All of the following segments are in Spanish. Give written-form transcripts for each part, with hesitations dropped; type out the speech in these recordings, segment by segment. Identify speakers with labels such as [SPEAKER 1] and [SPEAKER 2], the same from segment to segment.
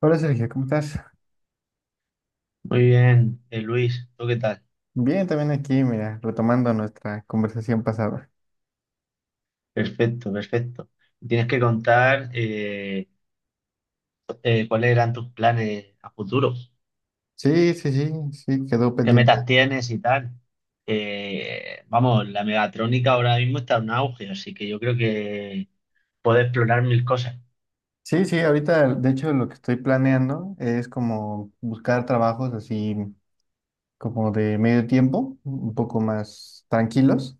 [SPEAKER 1] Hola Sergio, ¿cómo estás?
[SPEAKER 2] Muy bien, Luis, ¿tú qué tal?
[SPEAKER 1] Bien, también aquí, mira, retomando nuestra conversación pasada.
[SPEAKER 2] Perfecto, perfecto. Tienes que contar cuáles eran tus planes a futuro,
[SPEAKER 1] Sí, sí, sí, sí, quedó
[SPEAKER 2] qué metas
[SPEAKER 1] pendiente.
[SPEAKER 2] tienes y tal. Vamos, la megatrónica ahora mismo está en auge, así que yo creo que puedes explorar mil cosas.
[SPEAKER 1] Sí, sí, ahorita de hecho lo que estoy planeando es como buscar trabajos así como de medio tiempo, un poco más tranquilos,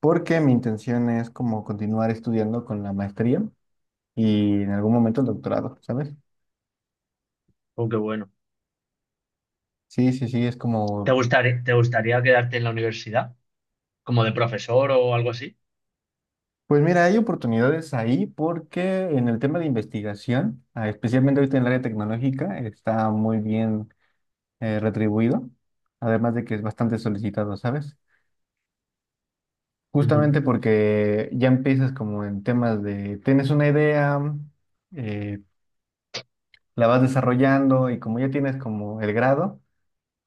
[SPEAKER 1] porque mi intención es como continuar estudiando con la maestría y en algún momento el doctorado, ¿sabes?
[SPEAKER 2] Aunque bueno,
[SPEAKER 1] Sí, sí, sí, es como.
[SPEAKER 2] te gustaría quedarte en la universidad como de profesor o algo así?
[SPEAKER 1] Pues mira, hay oportunidades ahí porque en el tema de investigación, ah, especialmente ahorita en el área tecnológica, está muy bien retribuido, además de que es bastante solicitado, ¿sabes?
[SPEAKER 2] Ujú.
[SPEAKER 1] Justamente porque ya empiezas como en temas de, tienes una idea, eh, la vas desarrollando y como ya tienes como el grado,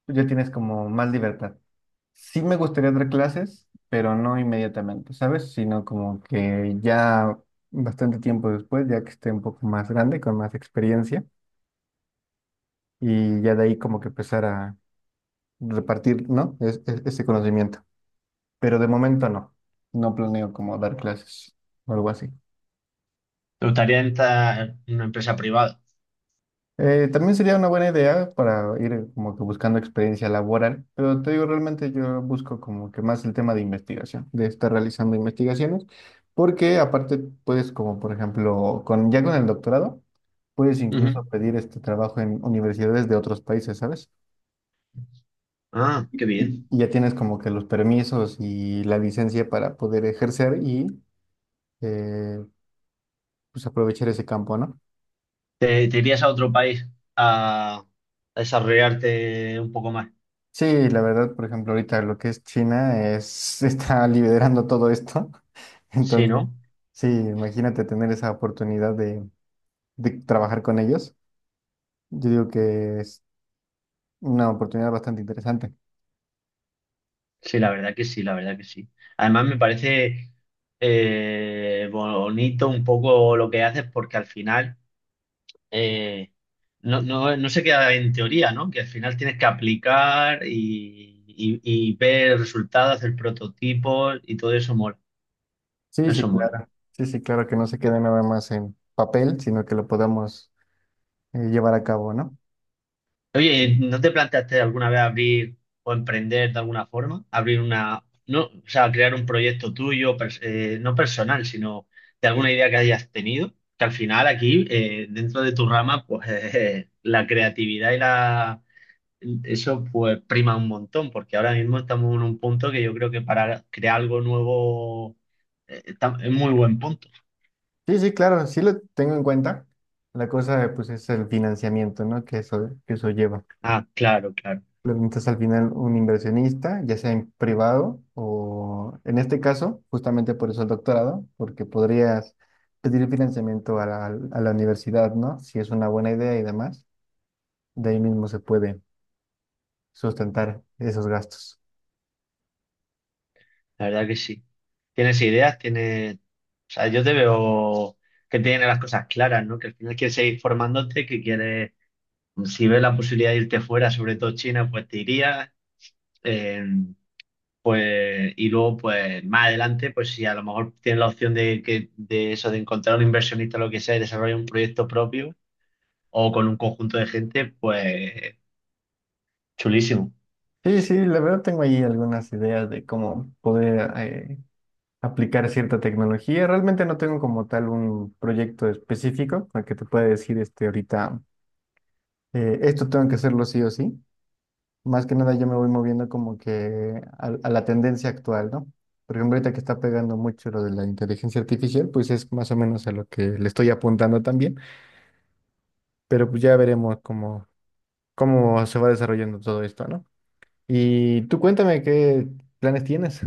[SPEAKER 1] tú ya tienes como más libertad. Sí me gustaría dar clases, pero no inmediatamente, ¿sabes? Sino como que ya bastante tiempo después, ya que esté un poco más grande, con más experiencia, y ya de ahí como que empezar a repartir, ¿no? Es- ese conocimiento. Pero de momento no, no planeo como dar clases o algo así.
[SPEAKER 2] ¿Te gustaría entrar en una empresa privada?
[SPEAKER 1] También sería una buena idea para ir como que buscando experiencia laboral, pero te digo, realmente yo busco como que más el tema de investigación, de estar realizando investigaciones, porque aparte puedes como por ejemplo, con, ya con el doctorado, puedes incluso
[SPEAKER 2] Ujú.
[SPEAKER 1] pedir este trabajo en universidades de otros países, ¿sabes?
[SPEAKER 2] Ah,
[SPEAKER 1] Y,
[SPEAKER 2] qué bien.
[SPEAKER 1] y ya tienes como que los permisos y la licencia para poder ejercer y eh, pues aprovechar ese campo, ¿no?
[SPEAKER 2] Te irías a otro país a, a desarrollarte un poco más?
[SPEAKER 1] Sí, la verdad, por ejemplo, ahorita lo que es China es, está liderando todo esto.
[SPEAKER 2] Sí,
[SPEAKER 1] Entonces,
[SPEAKER 2] ¿no?
[SPEAKER 1] sí, imagínate tener esa oportunidad de, trabajar con ellos. Yo digo que es una oportunidad bastante interesante.
[SPEAKER 2] Sí, la verdad que sí, la verdad que sí. Además me parece bonito un poco lo que haces porque al final eh, no se queda en teoría, ¿no? Que al final tienes que aplicar y ver resultados, hacer prototipos y todo eso mola.
[SPEAKER 1] Sí, sí,
[SPEAKER 2] Eso mola.
[SPEAKER 1] claro. Sí, sí, claro que no se quede nada más en papel, sino que lo podamos llevar a cabo, ¿no?
[SPEAKER 2] Oye, ¿no te planteaste alguna vez abrir o emprender de alguna forma? Abrir una, no, o sea, crear un proyecto tuyo, no personal, sino de alguna idea que hayas tenido, que al final aquí, dentro de tu rama, pues la creatividad eso pues prima un montón, porque ahora mismo estamos en un punto que yo creo que para crear algo nuevo, es muy buen punto.
[SPEAKER 1] Sí, sí, claro, sí lo tengo en cuenta. La cosa, pues, es el financiamiento, ¿no? que eso, lleva.
[SPEAKER 2] Ah, claro, claro.
[SPEAKER 1] Preguntas al final un inversionista, ya sea en privado o en este caso, justamente por eso el doctorado, porque podrías pedir financiamiento a la universidad, ¿no? Si es una buena idea y demás, de ahí mismo se puede sustentar esos gastos.
[SPEAKER 2] La verdad que sí. Tienes ideas, tienes. O sea, yo te veo que tienes las cosas claras, ¿no? Que al final quieres seguir formándote, que quieres. Si ves la posibilidad de irte fuera, sobre todo China, pues te irías. eh, pues, y luego, pues más adelante, pues si a lo mejor tienes la opción de, que, de eso, de encontrar un inversionista o lo que sea y desarrollar un proyecto propio o con un conjunto de gente, pues chulísimo.
[SPEAKER 1] Sí, sí, la verdad tengo ahí algunas ideas de cómo poder aplicar cierta tecnología. Realmente no tengo como tal un proyecto específico al que te pueda decir este ahorita, esto tengo que hacerlo sí o sí. Más que nada yo me voy moviendo como que a, la tendencia actual, ¿no? Por ejemplo, ahorita que está pegando mucho lo de la inteligencia artificial, pues es más o menos a lo que le estoy apuntando también, pero pues ya veremos cómo, se va desarrollando todo esto, ¿no? Y tú cuéntame qué planes tienes.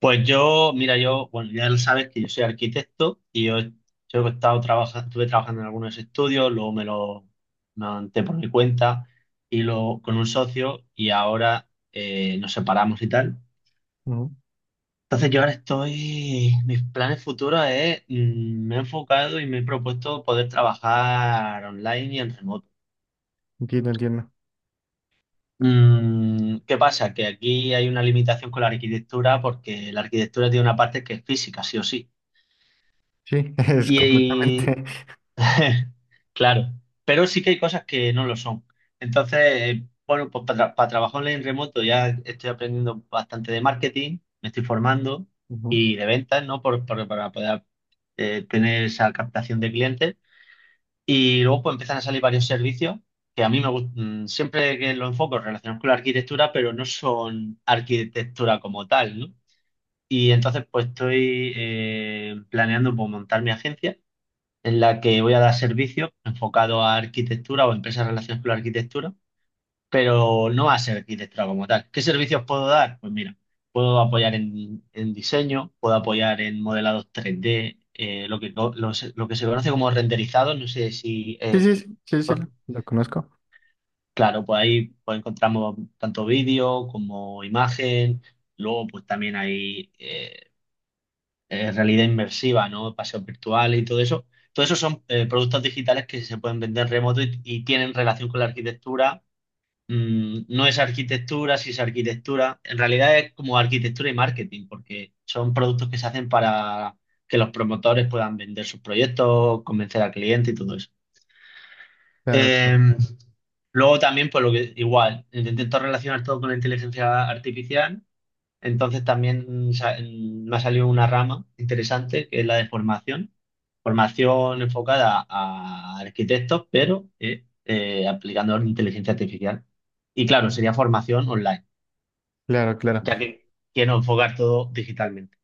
[SPEAKER 2] Pues yo, mira, yo, bueno, ya lo sabes que yo soy arquitecto y yo he estado trabajando, estuve trabajando en algunos estudios, luego me lo monté por mi cuenta y lo con un socio y ahora nos separamos y tal.
[SPEAKER 1] Ujú,
[SPEAKER 2] Entonces yo ahora mis planes futuros es, me he enfocado y me he propuesto poder trabajar online y en remoto.
[SPEAKER 1] entiendo, entiendo.
[SPEAKER 2] Mm. ¿Qué pasa? Que aquí hay una limitación con la arquitectura porque la arquitectura tiene una parte que es física, sí o sí.
[SPEAKER 1] Sí, es
[SPEAKER 2] Y,
[SPEAKER 1] completamente.
[SPEAKER 2] Claro, pero sí que hay cosas que no lo son. Entonces, bueno, pues para trabajar en remoto ya estoy aprendiendo bastante de marketing, me estoy formando
[SPEAKER 1] Ujú.
[SPEAKER 2] y de ventas, ¿no? Para poder tener esa captación de clientes. Y luego pues empiezan a salir varios servicios que a mí me gustan, siempre que lo enfoco relacionados con la arquitectura, pero no son arquitectura como tal, ¿no? Y entonces pues estoy planeando pues, montar mi agencia en la que voy a dar servicio enfocado a arquitectura o empresas relacionadas con la arquitectura, pero no a ser arquitectura como tal. ¿Qué servicios puedo dar? Pues mira, puedo apoyar en diseño, puedo apoyar en modelados 3D, lo que se conoce como renderizado, no sé si...
[SPEAKER 1] Sí,
[SPEAKER 2] eh,
[SPEAKER 1] sí, sí, sí, sí,
[SPEAKER 2] por-
[SPEAKER 1] lo conozco.
[SPEAKER 2] claro, pues ahí pues encontramos tanto vídeo como imagen, luego pues también hay realidad inmersiva, ¿no? Paseos virtuales y todo eso. Todo eso son productos digitales que se pueden vender remoto y tienen relación con la arquitectura. Mm, no es arquitectura, sí es arquitectura. En realidad es como arquitectura y marketing, porque son productos que se hacen para que los promotores puedan vender sus proyectos, convencer al cliente y todo eso.
[SPEAKER 1] Claro,
[SPEAKER 2] Eh,
[SPEAKER 1] claro,
[SPEAKER 2] luego también, pues lo que igual, intento relacionar todo con la inteligencia artificial, entonces también me ha salido una rama interesante que es la de formación. Formación enfocada a arquitectos, pero aplicando la inteligencia artificial. Y claro, sería formación online,
[SPEAKER 1] claro. Claro.
[SPEAKER 2] ya que quiero enfocar todo digitalmente.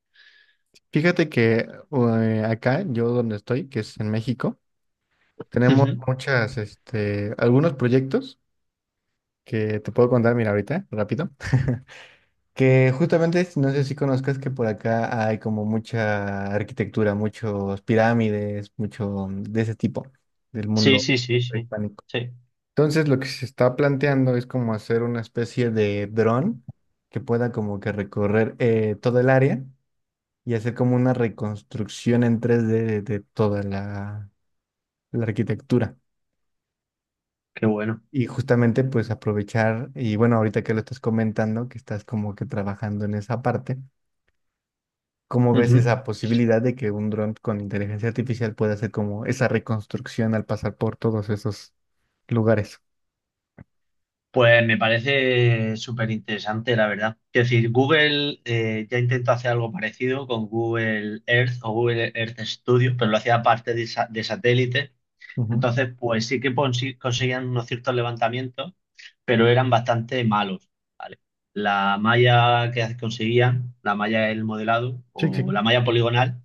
[SPEAKER 1] Fíjate que acá, yo donde estoy, que es en México, tenemos
[SPEAKER 2] Ujú.
[SPEAKER 1] muchas, este, algunos proyectos que te puedo contar, mira, ahorita, rápido, que justamente, si no sé si conozcas que por acá hay como mucha arquitectura, muchos pirámides, mucho de ese tipo del
[SPEAKER 2] Sí,
[SPEAKER 1] mundo
[SPEAKER 2] sí, sí, sí.
[SPEAKER 1] prehispánico.
[SPEAKER 2] Sí,
[SPEAKER 1] Entonces, lo que se está planteando es como hacer una especie de dron que pueda como que recorrer todo el área y hacer como una reconstrucción en 3D de, toda la arquitectura.
[SPEAKER 2] qué bueno.
[SPEAKER 1] Y justamente pues aprovechar, y bueno, ahorita que lo estás comentando, que estás como que trabajando en esa parte, ¿cómo ves
[SPEAKER 2] Ujú.
[SPEAKER 1] esa posibilidad de que un dron con inteligencia artificial pueda hacer como esa reconstrucción al pasar por todos esos lugares?
[SPEAKER 2] Pues me parece súper interesante, la verdad. Es decir, Google ya intentó hacer algo parecido con Google Earth o Google Earth Studio, pero lo hacía aparte de, de satélite.
[SPEAKER 1] Ujú.
[SPEAKER 2] Entonces, pues sí que conseguían unos ciertos levantamientos, pero eran bastante malos, ¿vale? La malla que conseguían, la malla del modelado
[SPEAKER 1] Sí, sí.
[SPEAKER 2] o la malla poligonal,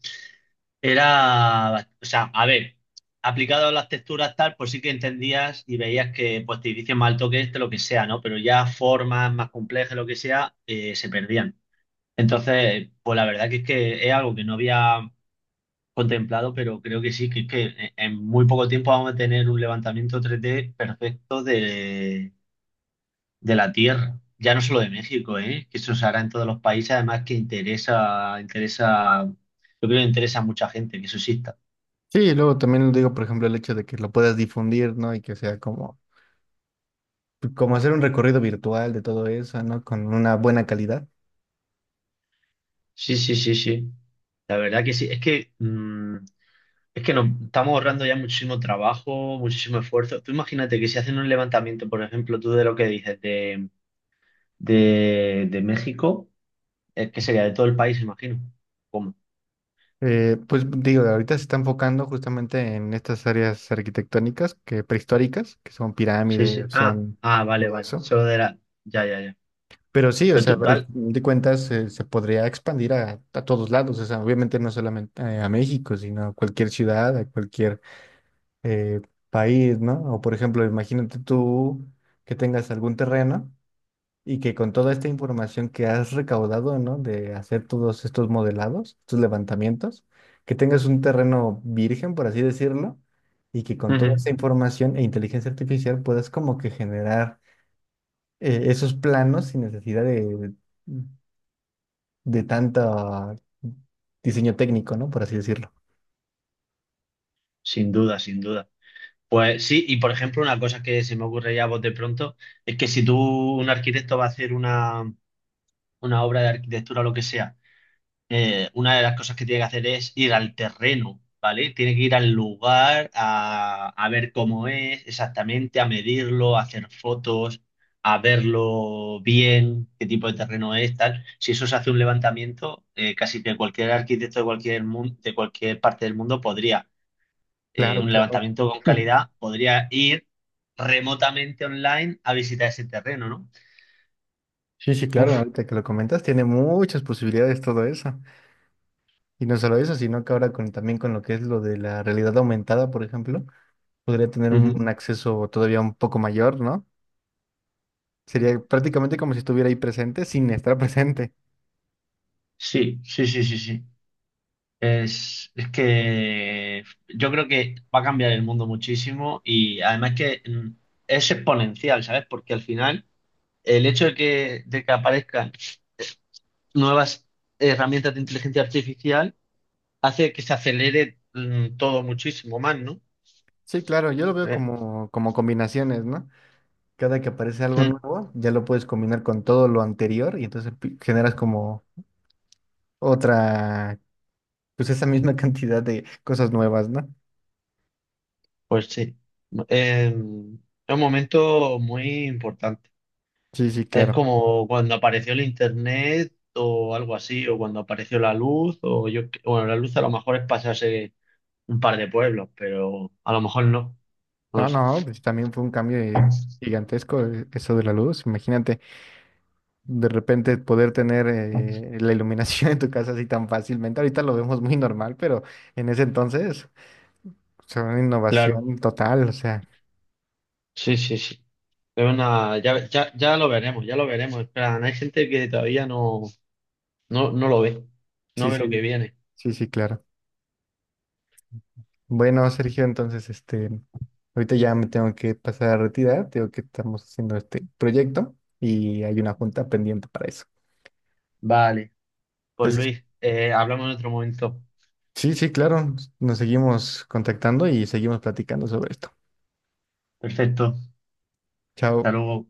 [SPEAKER 2] era, o sea, a ver, aplicado a las texturas tal, pues sí que entendías y veías que pues te dicen mal toque este, lo que sea, ¿no? Pero ya formas más complejas, lo que sea, se perdían. Entonces, pues la verdad que es algo que no había contemplado, pero creo que sí, que es que en muy poco tiempo vamos a tener un levantamiento 3D perfecto de la Tierra. Ya no solo de México, ¿eh? Que eso se hará en todos los países, además que interesa, interesa, yo creo que interesa a mucha gente que eso exista.
[SPEAKER 1] Sí, y luego también digo, por ejemplo, el hecho de que lo puedas difundir, ¿no? Y que sea como, hacer un recorrido virtual de todo eso, ¿no? Con una buena calidad.
[SPEAKER 2] Sí, sí, sí, sí. La verdad que sí. Es que, mm, es que nos estamos ahorrando ya muchísimo trabajo, muchísimo esfuerzo. Tú imagínate que si hacen un levantamiento, por ejemplo, tú de lo que dices de México, es que sería de todo el país, imagino. ¿Cómo?
[SPEAKER 1] Pues digo, ahorita se está enfocando justamente en estas áreas arquitectónicas que prehistóricas, que son
[SPEAKER 2] Sí,
[SPEAKER 1] pirámides,
[SPEAKER 2] sí. Ah,
[SPEAKER 1] son
[SPEAKER 2] ah, vale,
[SPEAKER 1] todo
[SPEAKER 2] vale.
[SPEAKER 1] eso.
[SPEAKER 2] Solo de la. Ya, ya, ya.
[SPEAKER 1] Pero sí, o
[SPEAKER 2] Pero
[SPEAKER 1] sea,
[SPEAKER 2] tú,
[SPEAKER 1] al
[SPEAKER 2] vale.
[SPEAKER 1] fin de cuentas se podría expandir a todos lados, o sea, obviamente no solamente a México, sino a cualquier ciudad, a cualquier eh, país, ¿no? O por ejemplo, imagínate tú que tengas algún terreno. Y que con toda esta información que has recaudado, ¿no? De hacer todos estos modelados, estos levantamientos, que tengas un terreno virgen, por así decirlo, y que con toda
[SPEAKER 2] Ujú.
[SPEAKER 1] esta información e inteligencia artificial puedas como que generar esos planos sin necesidad de, tanto diseño técnico, ¿no? Por así decirlo.
[SPEAKER 2] Sin duda, sin duda. Pues sí, y por ejemplo, una cosa que se me ocurre ya a vos de pronto, es que si tú, un arquitecto va a hacer una obra de arquitectura o lo que sea, una de las cosas que tiene que hacer es ir al terreno, ¿vale? Tiene que ir al lugar a ver cómo es exactamente, a medirlo, a hacer fotos, a verlo bien, qué tipo de terreno es, tal. Si eso se hace un levantamiento, casi que cualquier arquitecto de cualquier de cualquier parte del mundo podría,
[SPEAKER 1] Claro,
[SPEAKER 2] un
[SPEAKER 1] claro.
[SPEAKER 2] levantamiento con calidad, podría ir remotamente online a visitar ese terreno, ¿no?
[SPEAKER 1] Sí, sí, claro,
[SPEAKER 2] Uf,
[SPEAKER 1] ahorita que lo comentas, tiene muchas posibilidades todo eso. Y no solo eso, sino que ahora con, también con lo que es lo de la realidad aumentada, por ejemplo. Podría tener un,
[SPEAKER 2] ujú.
[SPEAKER 1] un acceso todavía un poco mayor, ¿no? Sería prácticamente como si estuviera ahí presente sin estar presente.
[SPEAKER 2] Sí, sí, sí, sí, sí. Es que yo creo que va a cambiar el mundo muchísimo y además que es exponencial, ¿sabes? Porque al final el hecho de que aparezcan nuevas herramientas de inteligencia artificial hace que se acelere todo muchísimo más, ¿no?
[SPEAKER 1] Sí, claro, yo lo veo
[SPEAKER 2] Eh,
[SPEAKER 1] como combinaciones, ¿no? Cada que aparece algo
[SPEAKER 2] mm,
[SPEAKER 1] nuevo, ya lo puedes combinar con todo lo anterior y entonces generas como otra, pues esa misma cantidad de cosas nuevas, ¿no?
[SPEAKER 2] pues sí. Es un momento muy importante.
[SPEAKER 1] Sí, sí,
[SPEAKER 2] Es
[SPEAKER 1] claro.
[SPEAKER 2] como cuando apareció el internet o algo así, o cuando apareció la luz, o yo, bueno, la luz a lo mejor es pasarse un par de pueblos, pero a lo mejor no, no
[SPEAKER 1] No,
[SPEAKER 2] lo sé.
[SPEAKER 1] no, pues también fue un cambio gigantesco eso de la luz. Imagínate, de repente poder tener la iluminación en tu casa así tan fácilmente. Ahorita lo vemos muy normal, pero en ese entonces fue una
[SPEAKER 2] Claro,
[SPEAKER 1] innovación total, o sea,
[SPEAKER 2] sí, sí, sí. Es una, ya, ya, ya lo veremos, ya lo veremos. En plan, hay gente que todavía no lo ve, no
[SPEAKER 1] sí,
[SPEAKER 2] ve lo que
[SPEAKER 1] sí,
[SPEAKER 2] viene.
[SPEAKER 1] sí, sí, claro. Bueno, Sergio, entonces, este, ahorita ya me tengo que pasar a retirar, tengo que estamos haciendo este proyecto y hay una junta pendiente para eso.
[SPEAKER 2] Vale, pues
[SPEAKER 1] Entonces,
[SPEAKER 2] Luis, hablamos en otro momento.
[SPEAKER 1] sí, sí, claro, nos seguimos contactando y seguimos platicando sobre esto.
[SPEAKER 2] Perfecto, hasta
[SPEAKER 1] Chao.
[SPEAKER 2] luego.